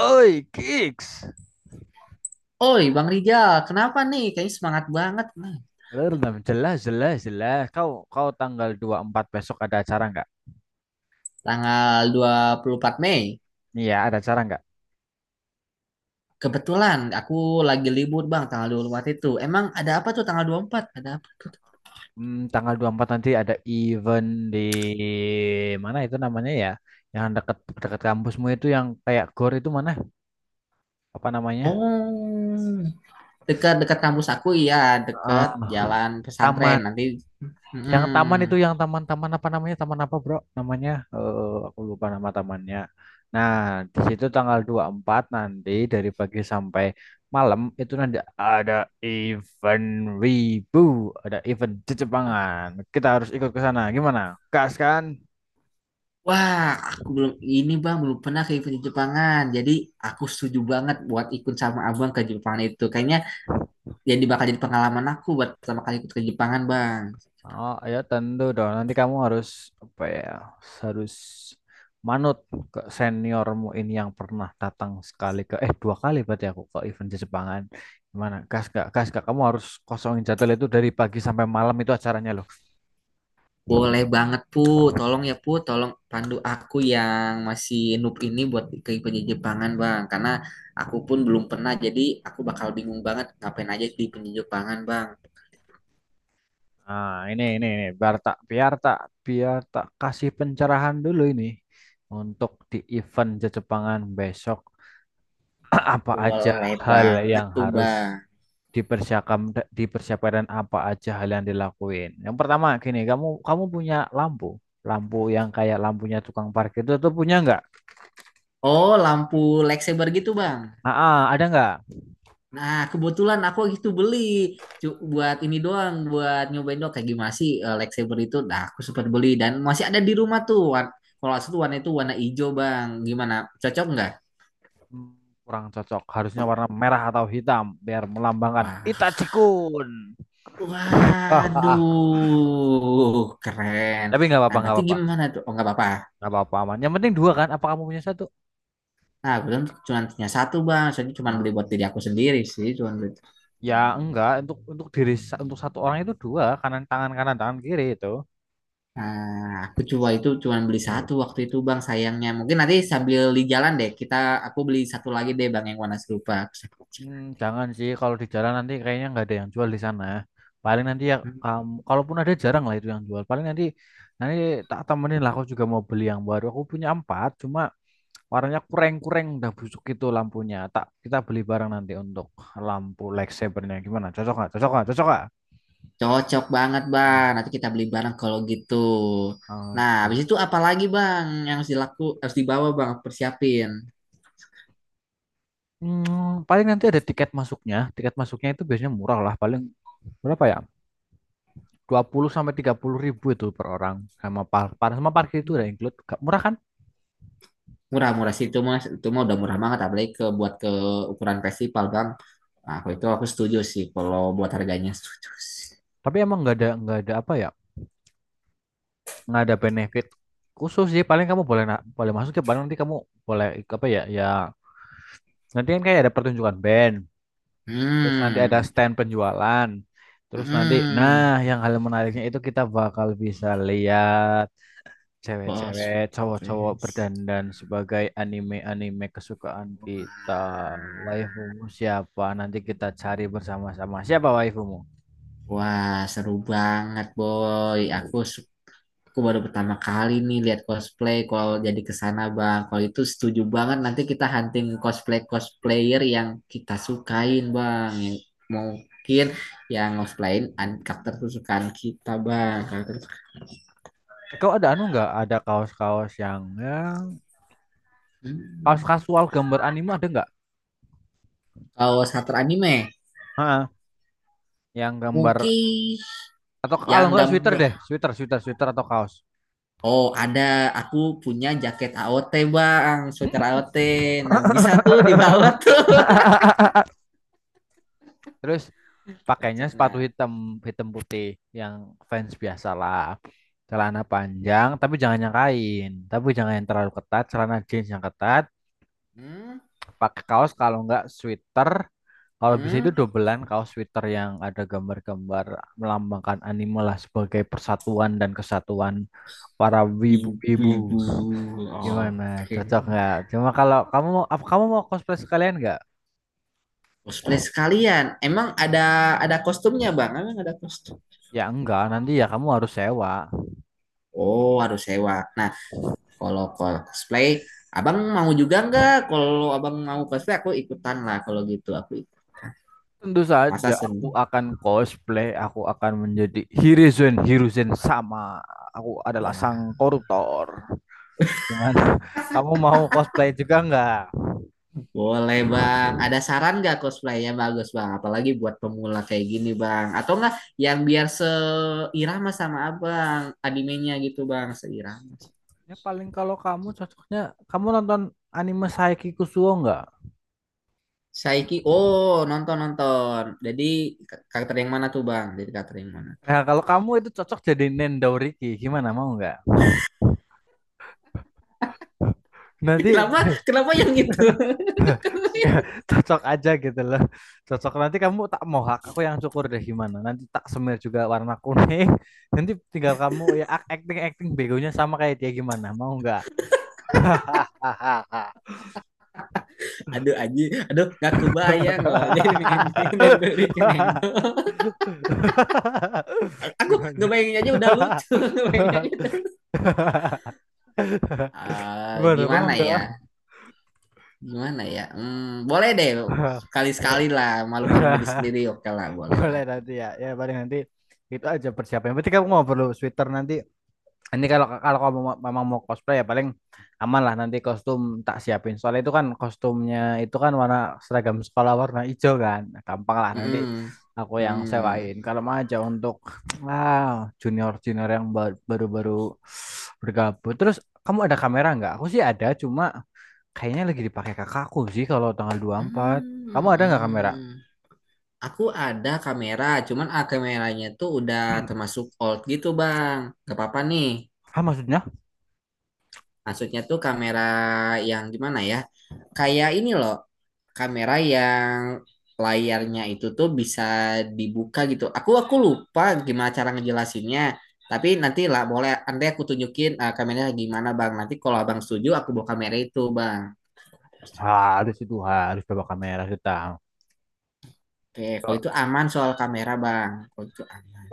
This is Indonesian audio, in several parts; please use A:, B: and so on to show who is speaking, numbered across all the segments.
A: Oi, Kicks.
B: Oi, Bang Rijal, kenapa nih? Kayaknya semangat banget. Nah,
A: Belum, jelas, jelas, jelas. Kau kau tanggal 24 besok ada acara nggak?
B: tanggal 24 Mei.
A: Iya, ada acara nggak?
B: Kebetulan aku lagi libur, Bang, tanggal 24 itu. Emang ada apa tuh tanggal 24? Ada apa tuh?
A: Tanggal 24 nanti ada event di mana itu namanya ya? Yang dekat dekat kampusmu itu yang kayak gor itu mana? Apa namanya?
B: Oh, dekat-dekat kampus aku, iya. Dekat
A: Ah,
B: jalan pesantren.
A: taman.
B: Nanti,
A: Yang
B: mm.
A: taman itu yang taman-taman apa namanya? Taman apa, Bro? Namanya aku lupa nama tamannya. Nah, di situ tanggal 24 nanti dari pagi sampai malam itu nanti ada event Wibu, ada event di Jepangan. Kita harus ikut ke sana. Gimana? Gas kan?
B: Wah, aku belum, ini Bang, belum pernah ke event di Jepangan. Jadi, aku setuju banget buat ikut sama Abang ke Jepang itu. Kayaknya bakal jadi pengalaman aku buat pertama kali ikut ke Jepangan, Bang.
A: Oh, ya tentu dong. Nanti kamu harus apa ya? Harus manut ke seniormu ini yang pernah datang sekali ke eh dua kali berarti aku ke event di Jepangan. Gimana? Gas gak? Gas gak? Kamu harus kosongin jadwal itu dari pagi sampai malam itu acaranya loh.
B: Boleh banget Put, tolong ya Put, tolong pandu aku yang masih noob ini buat ke penjajah Jepangan Bang. Karena aku pun belum pernah, jadi aku bakal bingung banget ngapain aja di penjajah Jepangan Bang.
A: Nah, ini biar tak kasih pencerahan dulu ini untuk di event di Jepangan besok apa aja
B: Boleh
A: hal
B: banget
A: yang
B: tuh
A: harus
B: Bang.
A: dipersiapkan, dipersiapkan apa aja hal yang dilakuin. Yang pertama gini, kamu kamu punya lampu, lampu yang kayak lampunya tukang parkir itu tuh punya nggak?
B: Oh, lampu lightsaber gitu Bang.
A: Ah, ah, ada nggak?
B: Nah, kebetulan aku gitu beli. Buat ini doang, buat nyobain doang kayak gimana sih lightsaber itu. Nah, aku sempat beli dan masih ada di rumah tuh. Kalau asli warna itu warna hijau Bang. Gimana? Cocok nggak?
A: Hmm, Kurang cocok, harusnya warna merah atau hitam biar melambangkan
B: Wah,
A: Itachi-kun. Ah, ah, ah.
B: waduh, keren.
A: Tapi nggak
B: Nah,
A: apa-apa, nggak
B: berarti
A: apa-apa,
B: gimana tuh? Oh, nggak apa-apa.
A: nggak apa-apa aman. Yang penting dua kan? Apa kamu punya satu?
B: Nah, kebetulan cuma punya satu, Bang. Soalnya cuma beli
A: Ah,
B: buat diri aku sendiri sih. Cuma. Beli.
A: ya enggak untuk untuk satu orang itu dua, kanan tangan kiri itu.
B: Nah, aku coba itu cuma beli satu waktu itu, Bang. Sayangnya. Mungkin nanti sambil di jalan deh, aku beli satu lagi deh, Bang, yang warna serupa. Aku sambil cek.
A: Jangan sih kalau di jalan nanti kayaknya nggak ada yang jual di sana. Paling nanti ya
B: Hmm,
A: kamu, kalaupun ada jarang lah itu yang jual. Paling nanti nanti tak temenin lah. Aku juga mau beli yang baru. Aku punya empat, cuma warnanya kurang-kurang udah busuk itu lampunya. Tak kita beli bareng nanti untuk lampu lightsabernya, gimana? Cocok nggak? Cocok nggak? Cocok nggak?
B: cocok banget,
A: Hmm.
B: Bang. Nanti kita beli bareng kalau gitu. Nah, habis
A: Oke.
B: itu apa lagi, Bang, yang harus dibawa, Bang, persiapin.
A: Paling nanti ada tiket masuknya. Tiket masuknya itu biasanya murah lah. Paling berapa ya? 20 sampai 30 ribu itu per orang. Sama par par- sama parkir itu udah include. Murah kan?
B: Murah-murah sih itu mas, itu mah udah murah banget apalagi buat ke ukuran festival bang. Nah, aku setuju sih kalau buat harganya setuju sih.
A: Tapi emang nggak ada apa ya? Nggak ada benefit khusus sih. Paling kamu boleh boleh masuk ya. Paling nanti kamu boleh apa ya? Ya nanti kan kayak ada pertunjukan band. Terus nanti ada
B: Hmm,
A: stand penjualan. Terus nanti,
B: hmm,
A: nah, yang hal menariknya itu kita bakal bisa lihat cewek-cewek,
B: bos,
A: cowok-cowok
B: please.
A: berdandan sebagai anime-anime kesukaan kita. Waifumu siapa? Nanti kita cari bersama-sama. Siapa waifumu?
B: Wah seru banget boy. Aku baru pertama kali nih lihat cosplay kalau jadi ke sana bang. Kalau itu setuju banget nanti kita hunting cosplay cosplayer yang kita sukain bang. Yang mungkin yang karakter kesukaan kita bang. Karakter
A: Eh, kau ada anu nggak? Ada kaos-kaos yang ya kaos
B: hmm.
A: kasual gambar anime ada nggak?
B: Kalau shutter anime,
A: Heeh. Yang gambar,
B: mungkin
A: atau kalau
B: yang
A: nggak sweater
B: gambar.
A: deh, sweater sweater sweater atau kaos.
B: Oh, ada aku punya jaket AOT, Bang. Sweater AOT. Nah, bisa tuh dibawa tuh.
A: Terus pakainya
B: Cocok
A: sepatu
B: nggak?
A: hitam, hitam putih yang fans biasa lah, celana panjang, tapi jangan yang kain, tapi jangan yang terlalu ketat, celana jeans yang ketat,
B: Hmm?
A: pakai kaos kalau nggak sweater, kalau bisa itu
B: Hmm?
A: dobelan kaos sweater yang ada gambar-gambar melambangkan anime lah sebagai persatuan dan kesatuan para wibu-wibu.
B: Ibu-ibu.
A: Gimana?
B: Oke.
A: Cocok nggak? Cuma kalau kamu mau, apa kamu mau cosplay sekalian nggak?
B: Cosplay sekalian. Emang ada kostumnya, Bang? Emang ada kostum?
A: Ya enggak, nanti ya kamu harus sewa.
B: Oh, harus sewa. Nah, kalau cosplay, Abang mau juga nggak? Kalau abang mau cosplay, aku ikutan lah. Kalau gitu, aku ikut.
A: Tentu
B: Masa
A: saja aku
B: sendiri?
A: akan cosplay, aku akan menjadi Hiruzen Hiruzen sama. Aku adalah sang
B: Wah,
A: koruptor. Gimana? Kamu mau cosplay juga nggak?
B: boleh bang, ada saran nggak cosplaynya bagus bang? Apalagi buat pemula kayak gini bang, atau nggak yang biar seirama sama abang animenya gitu bang, seirama.
A: Ya paling kalau kamu cocoknya kamu nonton anime Saiki Kusuo nggak?
B: Saiki, oh nonton nonton. Jadi karakter yang mana tuh bang? Jadi karakter yang mana?
A: Ya kalau kamu itu cocok jadi Nendouriki, gimana mau nggak? Nanti
B: Kenapa? Kenapa yang itu?
A: nggak, cocok aja gitu loh, cocok nanti kamu tak mohak, aku yang cukur deh, gimana nanti tak semir juga warna kuning, nanti tinggal kamu ya acting acting begonya sama kayak dia, gimana mau nggak?
B: Aduh aji, aduh nggak kebayang loh. Jadi nendo, nendo, Ricky nendo. Aku
A: Gimana?
B: ngebayangin aja udah lucu. ngebayangin aja. Ah,
A: Gimana mau
B: gimana
A: nggak?
B: ya? Gimana ya? Hmm, boleh deh. Kali-sekali lah, malu-maluin diri sendiri. Oke lah, boleh lah.
A: Boleh nanti ya. Ya paling nanti itu aja persiapannya. Berarti kamu mau perlu sweater nanti. Ini kalau kalau kamu memang mau cosplay ya paling aman lah nanti kostum tak siapin. Soalnya itu kan kostumnya itu kan warna seragam sekolah warna hijau kan. Nah, gampang lah nanti
B: Mm-mm.
A: aku yang
B: Hmm.
A: sewain. Kalau mau aja untuk wow, junior-junior yang baru-baru bergabung. Terus kamu ada kamera nggak? Aku sih ada, cuma kayaknya lagi dipakai kakakku sih kalau tanggal 24.
B: Hmm.
A: Kamu ada
B: Hmm.
A: nggak kamera?
B: Aku ada kamera, cuman kameranya tuh udah termasuk old gitu, Bang. Gak apa-apa nih.
A: Ah, maksudnya?
B: Maksudnya tuh kamera yang gimana ya? Kayak ini loh, kamera yang layarnya itu tuh bisa dibuka gitu. Aku lupa gimana cara ngejelasinnya. Tapi nanti lah boleh nanti aku tunjukin kameranya gimana Bang. Nanti kalau Abang setuju aku bawa kamera itu Bang.
A: Harus itu harus bawa kamera kita.
B: Oke, kalau itu aman soal kamera Bang. Kalau itu aman.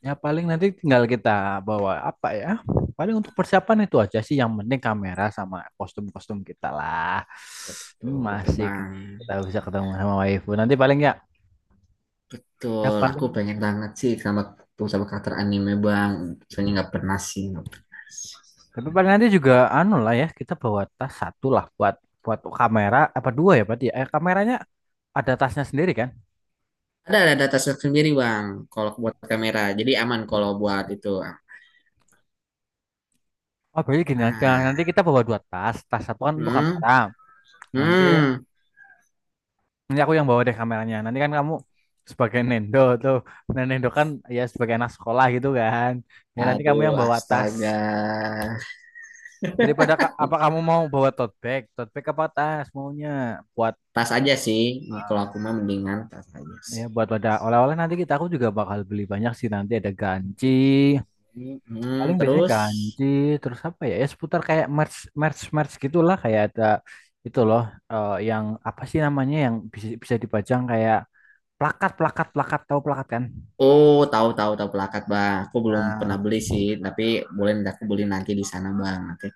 A: Ya paling nanti tinggal kita bawa apa ya? Paling untuk persiapan itu aja sih, yang penting kamera sama kostum-kostum kita lah.
B: Betul,
A: Hmm,
B: betul
A: Masih
B: Bang.
A: kita bisa ketemu sama waifu. Nanti paling ya, ya
B: Betul, aku
A: paling
B: pengen banget sih sama sama karakter anime Bang. Soalnya nggak pernah sih, nggak pernah.
A: tapi paling nanti juga anu lah ya, kita bawa tas satu lah buat buat kamera apa dua ya berarti ya? Eh, kameranya ada tasnya sendiri kan?
B: Ada data set sendiri bang, kalau buat kamera. Jadi aman kalau buat itu.
A: Oh, berarti gini aja.
B: Nah,
A: Nanti kita bawa dua tas. Tas satu kan untuk
B: hmm,
A: kamera. Nanti
B: hmm.
A: Nanti aku yang bawa deh kameranya. Nanti kan kamu sebagai Nendo tuh. Nah, Nendo kan ya sebagai anak sekolah gitu kan. Ya nanti kamu
B: Aduh,
A: yang bawa tas.
B: astaga.
A: Daripada apa kamu mau bawa tote bag? Tote bag apa tas maunya? Buat
B: Tas aja sih. Kalau
A: ah,
B: aku mah mendingan tas aja sih.
A: ya buat wadah oleh-oleh nanti aku juga bakal beli banyak sih, nanti ada ganci.
B: Hmm, hmm.
A: Paling biasanya
B: terus.
A: ganci, terus apa ya? Ya seputar kayak merch merch merch gitulah, kayak ada itu loh, yang apa sih namanya yang bisa bisa dipajang kayak plakat plakat plakat, tahu plakat kan?
B: Oh, tahu tahu tahu pelakat bang. Aku belum
A: Nah,
B: pernah beli sih, tapi boleh nanti aku beli nanti di sana bang. Nanti.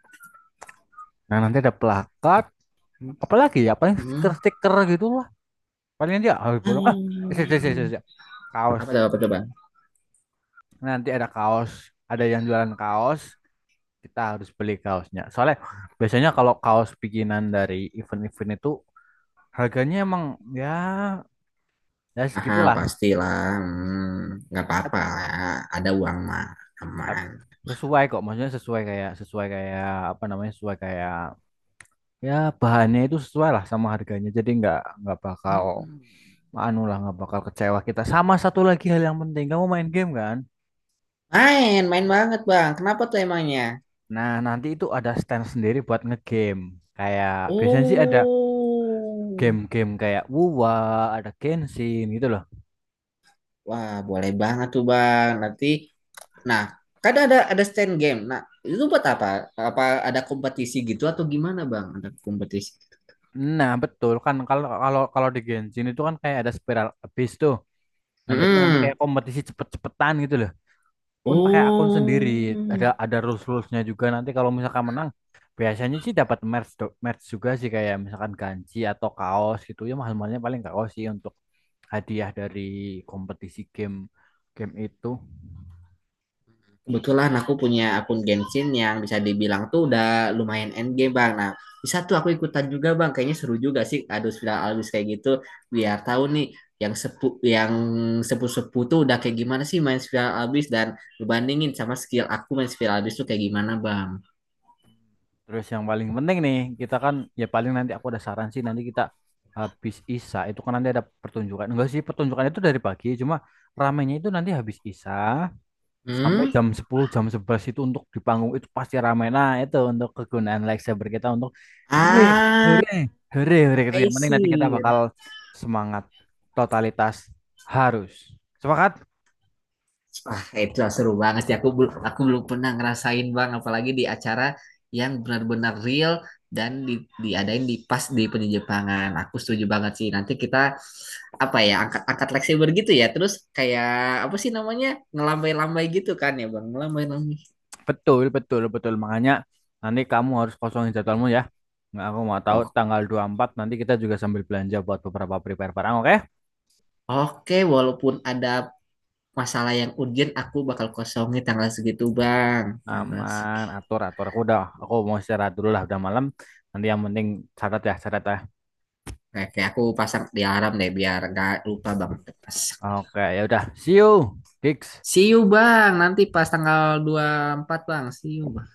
A: nah, nanti ada plakat,
B: Hmm.
A: apalagi ya, paling
B: Hmm.
A: stiker-stiker gitu lah. Paling dia harus bolong. Ah, isi, isi, isi,
B: Hmm.
A: isi. Kaos.
B: Apa tuh bang?
A: Nanti ada kaos, ada yang jualan kaos, kita harus beli kaosnya. Soalnya biasanya kalau kaos bikinan dari event-event itu harganya emang ya ya
B: Mahal
A: segitulah.
B: pastilah. Hmm. Nggak
A: Tap,
B: apa-apa. Ada uang mah
A: tap.
B: aman.
A: Sesuai kok, maksudnya sesuai kayak apa namanya? Sesuai kayak ya bahannya itu sesuai lah sama harganya. Jadi nggak bakal
B: Hmm.
A: anu lah nggak bakal kecewa kita. Sama satu lagi hal yang penting, kamu main game kan?
B: Main, main banget bang. Kenapa tuh emangnya?
A: Nah, nanti itu ada stand sendiri buat ngegame. Kayak biasanya sih ada
B: Oh,
A: game-game kayak WUA, ada Genshin gitu loh.
B: wah, boleh banget tuh bang. Nanti, nah, kan ada stand game. Nah, itu buat apa? Apa ada kompetisi gitu atau gimana bang? Ada kompetisi?
A: Nah, betul kan kalau kalau kalau di Genshin itu kan kayak ada spiral abyss tuh. Nah, jadi nanti
B: Hmm,
A: kayak kompetisi cepet-cepetan gitu loh. Pun pakai akun sendiri, ada
B: oh.
A: ada rulesnya juga, nanti kalau misalkan menang biasanya sih dapat merch juga sih, kayak misalkan ganci atau kaos gitu, ya mahal mahalnya paling kaos sih untuk hadiah dari kompetisi game game itu.
B: Kebetulan aku punya akun Genshin yang bisa dibilang tuh udah lumayan endgame bang. Nah bisa tuh aku ikutan juga bang. Kayaknya seru juga sih ada viral albis kayak gitu. Biar tahu nih yang sepu yang sepu-sepu tuh udah kayak gimana sih main spiral albis dan ngebandingin sama skill aku main spiral albis tuh kayak gimana bang.
A: Terus yang paling penting nih, kita kan ya paling nanti aku ada saran sih, nanti kita habis isa itu kan nanti ada pertunjukan enggak sih, pertunjukan itu dari pagi cuma ramenya itu nanti habis isa sampai
B: Hmm?
A: jam 10 jam 11 itu untuk di panggung itu pasti ramai. Nah, itu untuk kegunaan lightsaber kita untuk hore
B: Ah,
A: hore hore hore gitu,
B: I
A: yang penting nanti kita
B: see.
A: bakal semangat, totalitas, harus sepakat.
B: Wah, itu seru banget sih. Aku belum pernah ngerasain bang, apalagi di acara yang benar-benar real dan diadain di pas di penjejepangan. Aku setuju banget sih. Nanti kita apa ya angkat angkat leg saber gitu ya. Terus kayak apa sih namanya ngelambai-lambai gitu kan ya bang, ngelambai-lambai.
A: Betul betul betul, makanya nanti kamu harus kosongin jadwalmu ya. Nggak, aku mau tahu
B: Oh,
A: tanggal 24 nanti kita juga sambil belanja buat beberapa prepare barang, oke?
B: oke, walaupun ada masalah yang urgent, aku bakal kosongin tanggal segitu bang. Tanggal
A: Aman,
B: segitu.
A: atur atur, aku udah, aku mau istirahat dulu lah, udah malam. Nanti yang penting catat ya, catat ya.
B: Oke, aku pasang di alarm deh biar gak lupa bang. Pas.
A: Oke, ya udah, see you, Gigs.
B: See you bang, nanti pas tanggal 24 bang, see you bang.